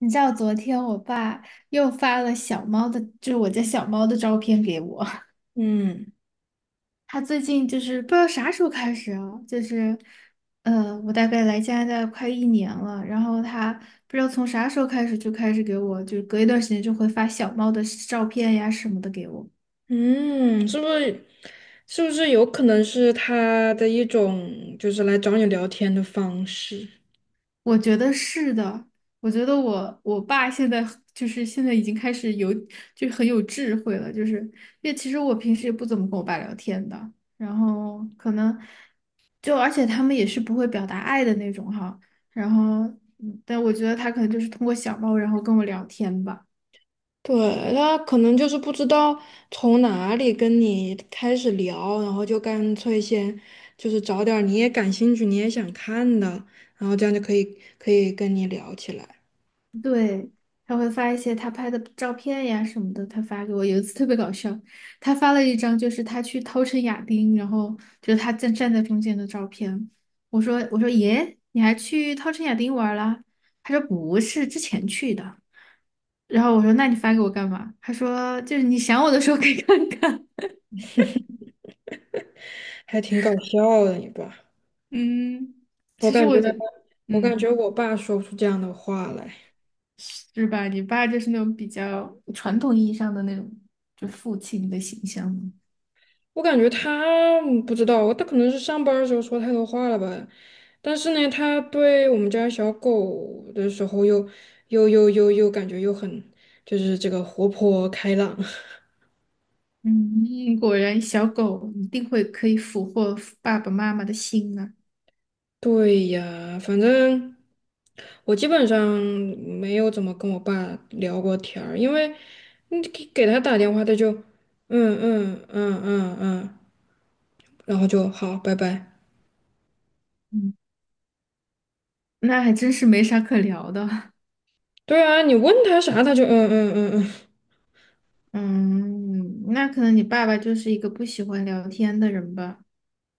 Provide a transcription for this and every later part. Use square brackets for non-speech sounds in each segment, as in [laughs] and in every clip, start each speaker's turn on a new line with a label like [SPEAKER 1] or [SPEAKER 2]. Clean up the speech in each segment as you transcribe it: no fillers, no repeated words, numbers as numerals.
[SPEAKER 1] 你知道昨天我爸又发了小猫的，就是我家小猫的照片给我。[laughs]
[SPEAKER 2] 嗯
[SPEAKER 1] 他最近就是不知道啥时候开始啊，就是，我大概来加拿大快一年了，然后他不知道从啥时候开始就开始给我，就是隔一段时间就会发小猫的照片呀什么的给我。
[SPEAKER 2] 嗯，是不是有可能是他的一种就是来找你聊天的方式？
[SPEAKER 1] 我觉得是的，我觉得我爸现在很就是现在已经开始有就很有智慧了，就是因为其实我平时也不怎么跟我爸聊天的，然后可能就而且他们也是不会表达爱的那种哈，然后但我觉得他可能就是通过小猫然后跟我聊天吧。
[SPEAKER 2] 对，他可能就是不知道从哪里跟你开始聊，然后就干脆先就是找点儿你也感兴趣、你也想看的，然后这样就可以跟你聊起来。
[SPEAKER 1] 对，他会发一些他拍的照片呀什么的，他发给我。有一次特别搞笑，他发了一张就是他去稻城亚丁，然后就是他站在中间的照片。我说耶，你还去稻城亚丁玩啦？他说不是，之前去的。然后我说那你发给我干嘛？他说就是你想我的时候可以看看。
[SPEAKER 2] 还挺搞笑的，你爸。
[SPEAKER 1] [laughs]。嗯，
[SPEAKER 2] 我
[SPEAKER 1] 其实
[SPEAKER 2] 感觉，
[SPEAKER 1] 我就
[SPEAKER 2] 我感觉
[SPEAKER 1] 嗯
[SPEAKER 2] 我爸说不出这样的话来。
[SPEAKER 1] 是吧？你爸就是那种比较传统意义上的那种，就父亲的形象嘛。
[SPEAKER 2] 我感觉他嗯不知道，他可能是上班儿的时候说太多话了吧。但是呢，他对我们家小狗的时候又感觉又很就是这个活泼开朗。
[SPEAKER 1] 嗯，果然小狗一定会可以俘获爸爸妈妈的心啊。
[SPEAKER 2] [laughs] 对呀，反正我基本上没有怎么跟我爸聊过天儿，因为你给他打电话，他就嗯，然后就好，拜拜。
[SPEAKER 1] 嗯，那还真是没啥可聊的。[laughs]
[SPEAKER 2] 对啊，你问他啥，他就嗯嗯嗯嗯。
[SPEAKER 1] 嗯，那可能你爸爸就是一个不喜欢聊天的人吧。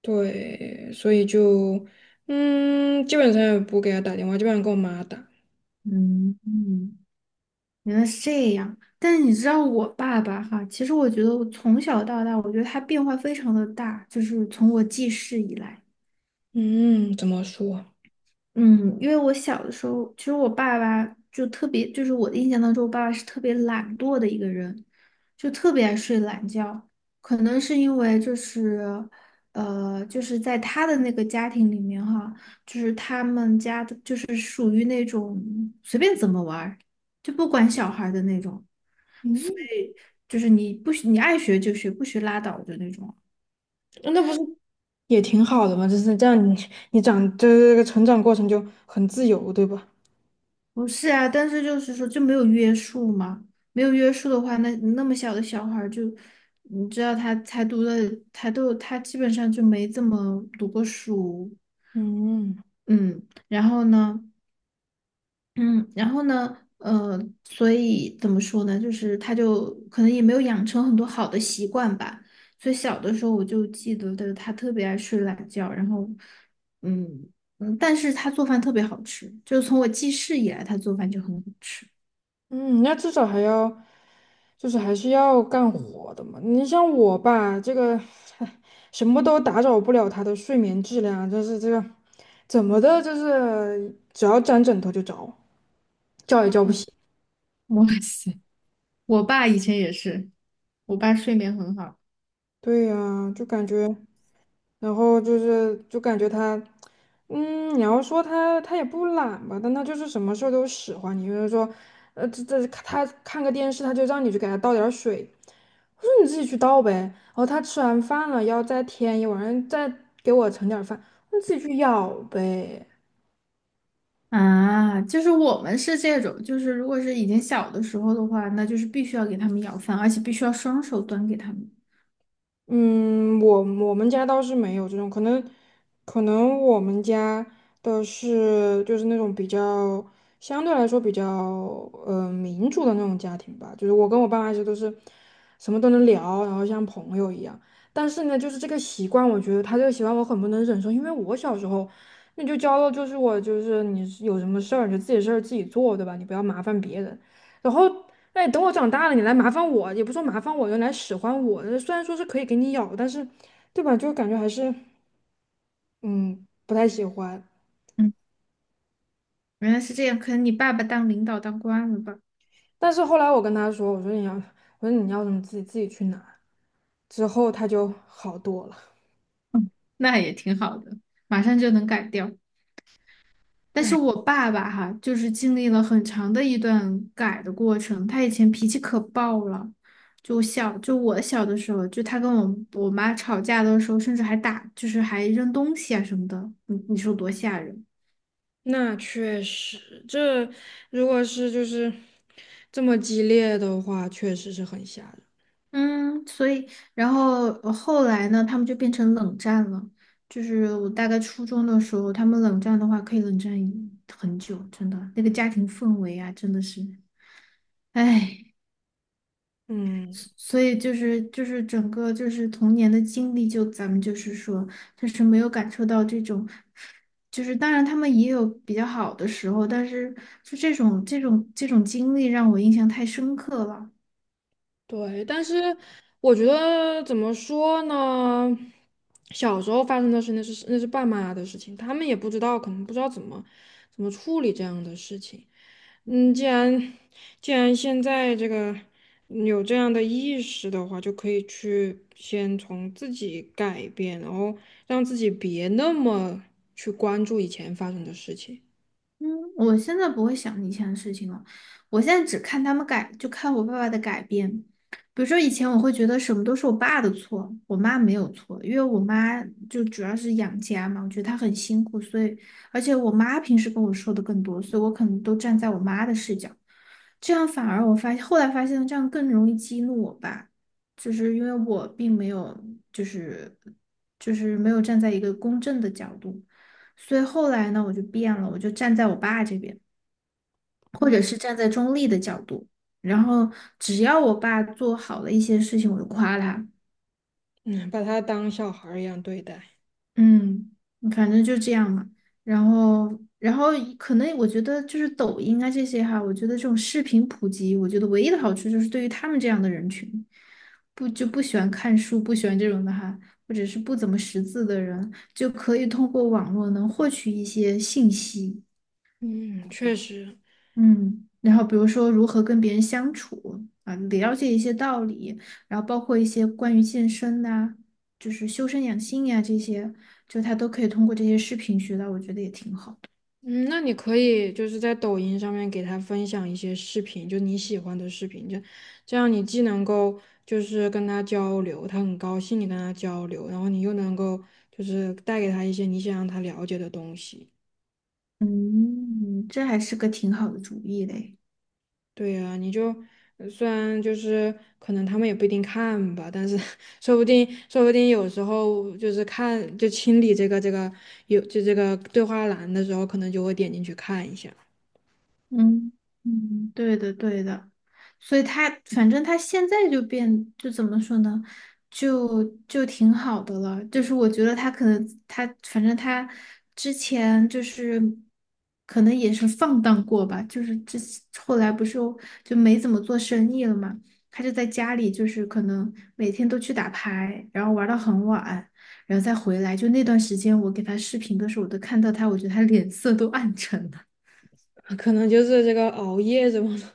[SPEAKER 2] 对，所以就，嗯，基本上也不给他打电话，基本上跟我妈打。
[SPEAKER 1] 嗯嗯，原来是这样。但是你知道我爸爸哈，其实我觉得我从小到大，我觉得他变化非常的大，就是从我记事以来。
[SPEAKER 2] 嗯，怎么说？
[SPEAKER 1] 嗯，因为我小的时候，其实我爸爸就特别，就是我的印象当中，我爸爸是特别懒惰的一个人，就特别爱睡懒觉。可能是因为就是，就是在他的那个家庭里面哈，就是他们家的就是属于那种随便怎么玩儿，就不管小孩儿的那种，
[SPEAKER 2] 嗯，
[SPEAKER 1] 就是你不许你爱学就学，不学拉倒的那种。
[SPEAKER 2] 那不是也挺好的吗？就是这样你，你长这个成长过程就很自由，对吧？
[SPEAKER 1] 不是啊，但是就是说就没有约束嘛，没有约束的话，那么小的小孩儿就，你知道他才读了，他基本上就没怎么读过书。
[SPEAKER 2] 嗯，
[SPEAKER 1] 嗯，然后呢，嗯，然后呢，所以怎么说呢，就是他就可能也没有养成很多好的习惯吧，所以小的时候我就记得的他特别爱睡懒觉，然后，嗯但是他做饭特别好吃，就是从我记事以来，他做饭就很好吃。
[SPEAKER 2] 嗯，那至少还要，就是还是要干活的嘛。你像我吧，这个 [laughs] 什么都打扰不了他的睡眠质量啊，就是这个怎么的，就是只要沾枕头就着，叫也叫不
[SPEAKER 1] 嗯。
[SPEAKER 2] 醒。
[SPEAKER 1] [laughs] 哇塞，我爸以前也是，我爸睡眠很好
[SPEAKER 2] 对呀，就感觉。然后就是就感觉他，嗯，你要说他也不懒吧，但他就是什么事儿都使唤你，比如说，这他看个电视，他就让你去给他倒点儿水，我说你自己去倒呗。然后他吃完饭了，要再添一碗，再给我盛点儿饭，你自己去舀呗。
[SPEAKER 1] 啊，就是我们是这种，就是如果是以前小的时候的话，那就是必须要给他们舀饭，而且必须要双手端给他们。
[SPEAKER 2] 嗯，我们家倒是没有这种，可能可能我们家的是就是那种比较相对来说比较民主的那种家庭吧，就是我跟我爸妈其实都是什么都能聊，然后像朋友一样。但是呢，就是这个习惯，我觉得他这个习惯我很不能忍受，因为我小时候那就教了，就是我就是你有什么事儿你就自己事儿自己做，对吧？你不要麻烦别人。然后哎，等我长大了，你来麻烦我，也不说麻烦我，就来使唤我。虽然说是可以给你咬，但是，对吧？就感觉还是，嗯，不太喜欢。
[SPEAKER 1] 嗯。原来是这样，可能你爸爸当领导当惯了吧？
[SPEAKER 2] 但是后来我跟他说，我说你要什么自己去拿。之后他就好多了。
[SPEAKER 1] 嗯，那也挺好的，马上就能改掉。但
[SPEAKER 2] 哎，
[SPEAKER 1] 是我爸爸哈，就是经历了很长的一段改的过程。他以前脾气可爆了，就小就我小的时候，就他跟我妈吵架的时候，甚至还打，就是还扔东西啊什么的。你你说多吓人？
[SPEAKER 2] 那确实，这如果是就是这么激烈的话，确实是很吓人。
[SPEAKER 1] 嗯，所以然后后来呢，他们就变成冷战了。就是我大概初中的时候，他们冷战的话，可以冷战很久，真的那个家庭氛围啊，真的是，唉。
[SPEAKER 2] 嗯。
[SPEAKER 1] 所以就是就是整个就是童年的经历，就咱们就是说，就是没有感受到这种，就是当然他们也有比较好的时候，但是就这种经历让我印象太深刻了。
[SPEAKER 2] 对，但是我觉得怎么说呢？小时候发生的事，那是爸妈的事情，他们也不知道，可能不知道怎么处理这样的事情。嗯，既然现在这个有这样的意识的话，就可以去先从自己改变，然后让自己别那么去关注以前发生的事情，
[SPEAKER 1] 嗯，我现在不会想以前的事情了，我现在只看他们改，就看我爸爸的改变。比如说以前我会觉得什么都是我爸的错，我妈没有错，因为我妈就主要是养家嘛，我觉得她很辛苦，所以而且我妈平时跟我说的更多，所以我可能都站在我妈的视角，这样反而我发现后来发现这样更容易激怒我爸，就是因为我并没有就是没有站在一个公正的角度。所以后来呢，我就变了，我就站在我爸这边，或者是站在中立的角度，然后只要我爸做好了一些事情，我就夸他。
[SPEAKER 2] 嗯，把他当小孩儿一样对待。
[SPEAKER 1] 嗯，反正就这样嘛。然后，然后可能我觉得就是抖音啊这些哈，我觉得这种视频普及，我觉得唯一的好处就是对于他们这样的人群，不就不喜欢看书、不喜欢这种的哈，或者是不怎么识字的人，就可以通过网络能获取一些信息。
[SPEAKER 2] 嗯，确实。
[SPEAKER 1] 嗯，然后比如说如何跟别人相处啊，了解一些道理，然后包括一些关于健身呐、就是修身养性呀、这些，就他都可以通过这些视频学到，我觉得也挺好的。
[SPEAKER 2] 嗯，那你可以就是在抖音上面给他分享一些视频，就你喜欢的视频，就这样你既能够就是跟他交流，他很高兴你跟他交流，然后你又能够就是带给他一些你想让他了解的东西。
[SPEAKER 1] 嗯，这还是个挺好的主意嘞。
[SPEAKER 2] 对呀，你就虽然就是可能他们也不一定看吧，但是 [laughs] 说不定有时候就是看就清理这个有就这个对话栏的时候，可能就会点进去看一下。
[SPEAKER 1] 嗯嗯，对的对的，所以他反正他现在就变，就怎么说呢，就挺好的了。就是我觉得他可能他反正他之前就是可能也是放荡过吧，就是后来不是就没怎么做生意了嘛，他就在家里就是可能每天都去打牌，然后玩到很晚，然后再回来。就那段时间我给他视频的时候，我都看到他，我觉得他脸色都暗沉了。
[SPEAKER 2] 啊可能就是这个熬夜什么的，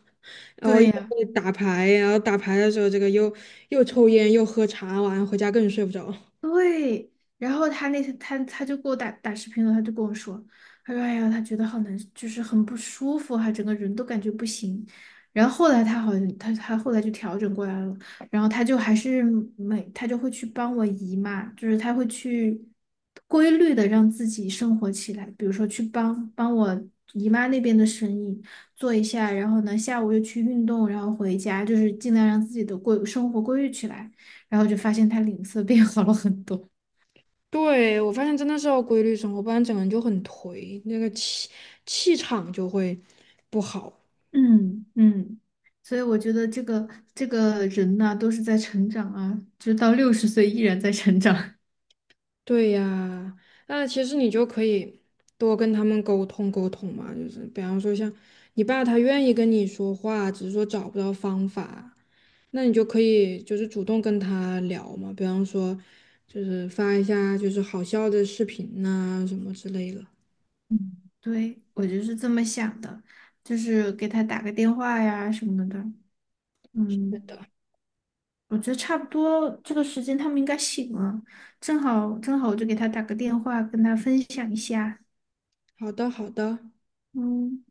[SPEAKER 1] [laughs]
[SPEAKER 2] 熬
[SPEAKER 1] 对
[SPEAKER 2] 夜
[SPEAKER 1] 呀。
[SPEAKER 2] 打牌，然后打牌的时候这个又抽烟又喝茶，晚上回家更睡不着。
[SPEAKER 1] 对，然后他那天他就给我打打视频了，他就跟我说，他说哎呀，他觉得好难，就是很不舒服啊，他整个人都感觉不行。然后后来他好像他后来就调整过来了，然后他就还是他就会去帮我姨妈，就是他会去规律的让自己生活起来，比如说去帮帮我姨妈那边的生意做一下，然后呢下午又去运动，然后回家，就是尽量让自己的生活规律起来。然后就发现他脸色变好了很多。
[SPEAKER 2] 对，我发现真的是要规律生活，不然整个人就很颓，那个气场就会不好。
[SPEAKER 1] 嗯嗯，所以我觉得这个人呐、都是在成长啊，就到60岁依然在成长。
[SPEAKER 2] 对呀，那其实你就可以多跟他们沟通沟通嘛，就是比方说像你爸他愿意跟你说话，只是说找不到方法，那你就可以就是主动跟他聊嘛，比方说就是发一下就是好笑的视频呐、什么之类的。
[SPEAKER 1] 嗯，对，我就是这么想的，就是给他打个电话呀什么的。
[SPEAKER 2] 对
[SPEAKER 1] 嗯，
[SPEAKER 2] 的，
[SPEAKER 1] 我觉得差不多这个时间他们应该醒了，正好正好我就给他打个电话，跟他分享一下。
[SPEAKER 2] 好的，好的。
[SPEAKER 1] 嗯。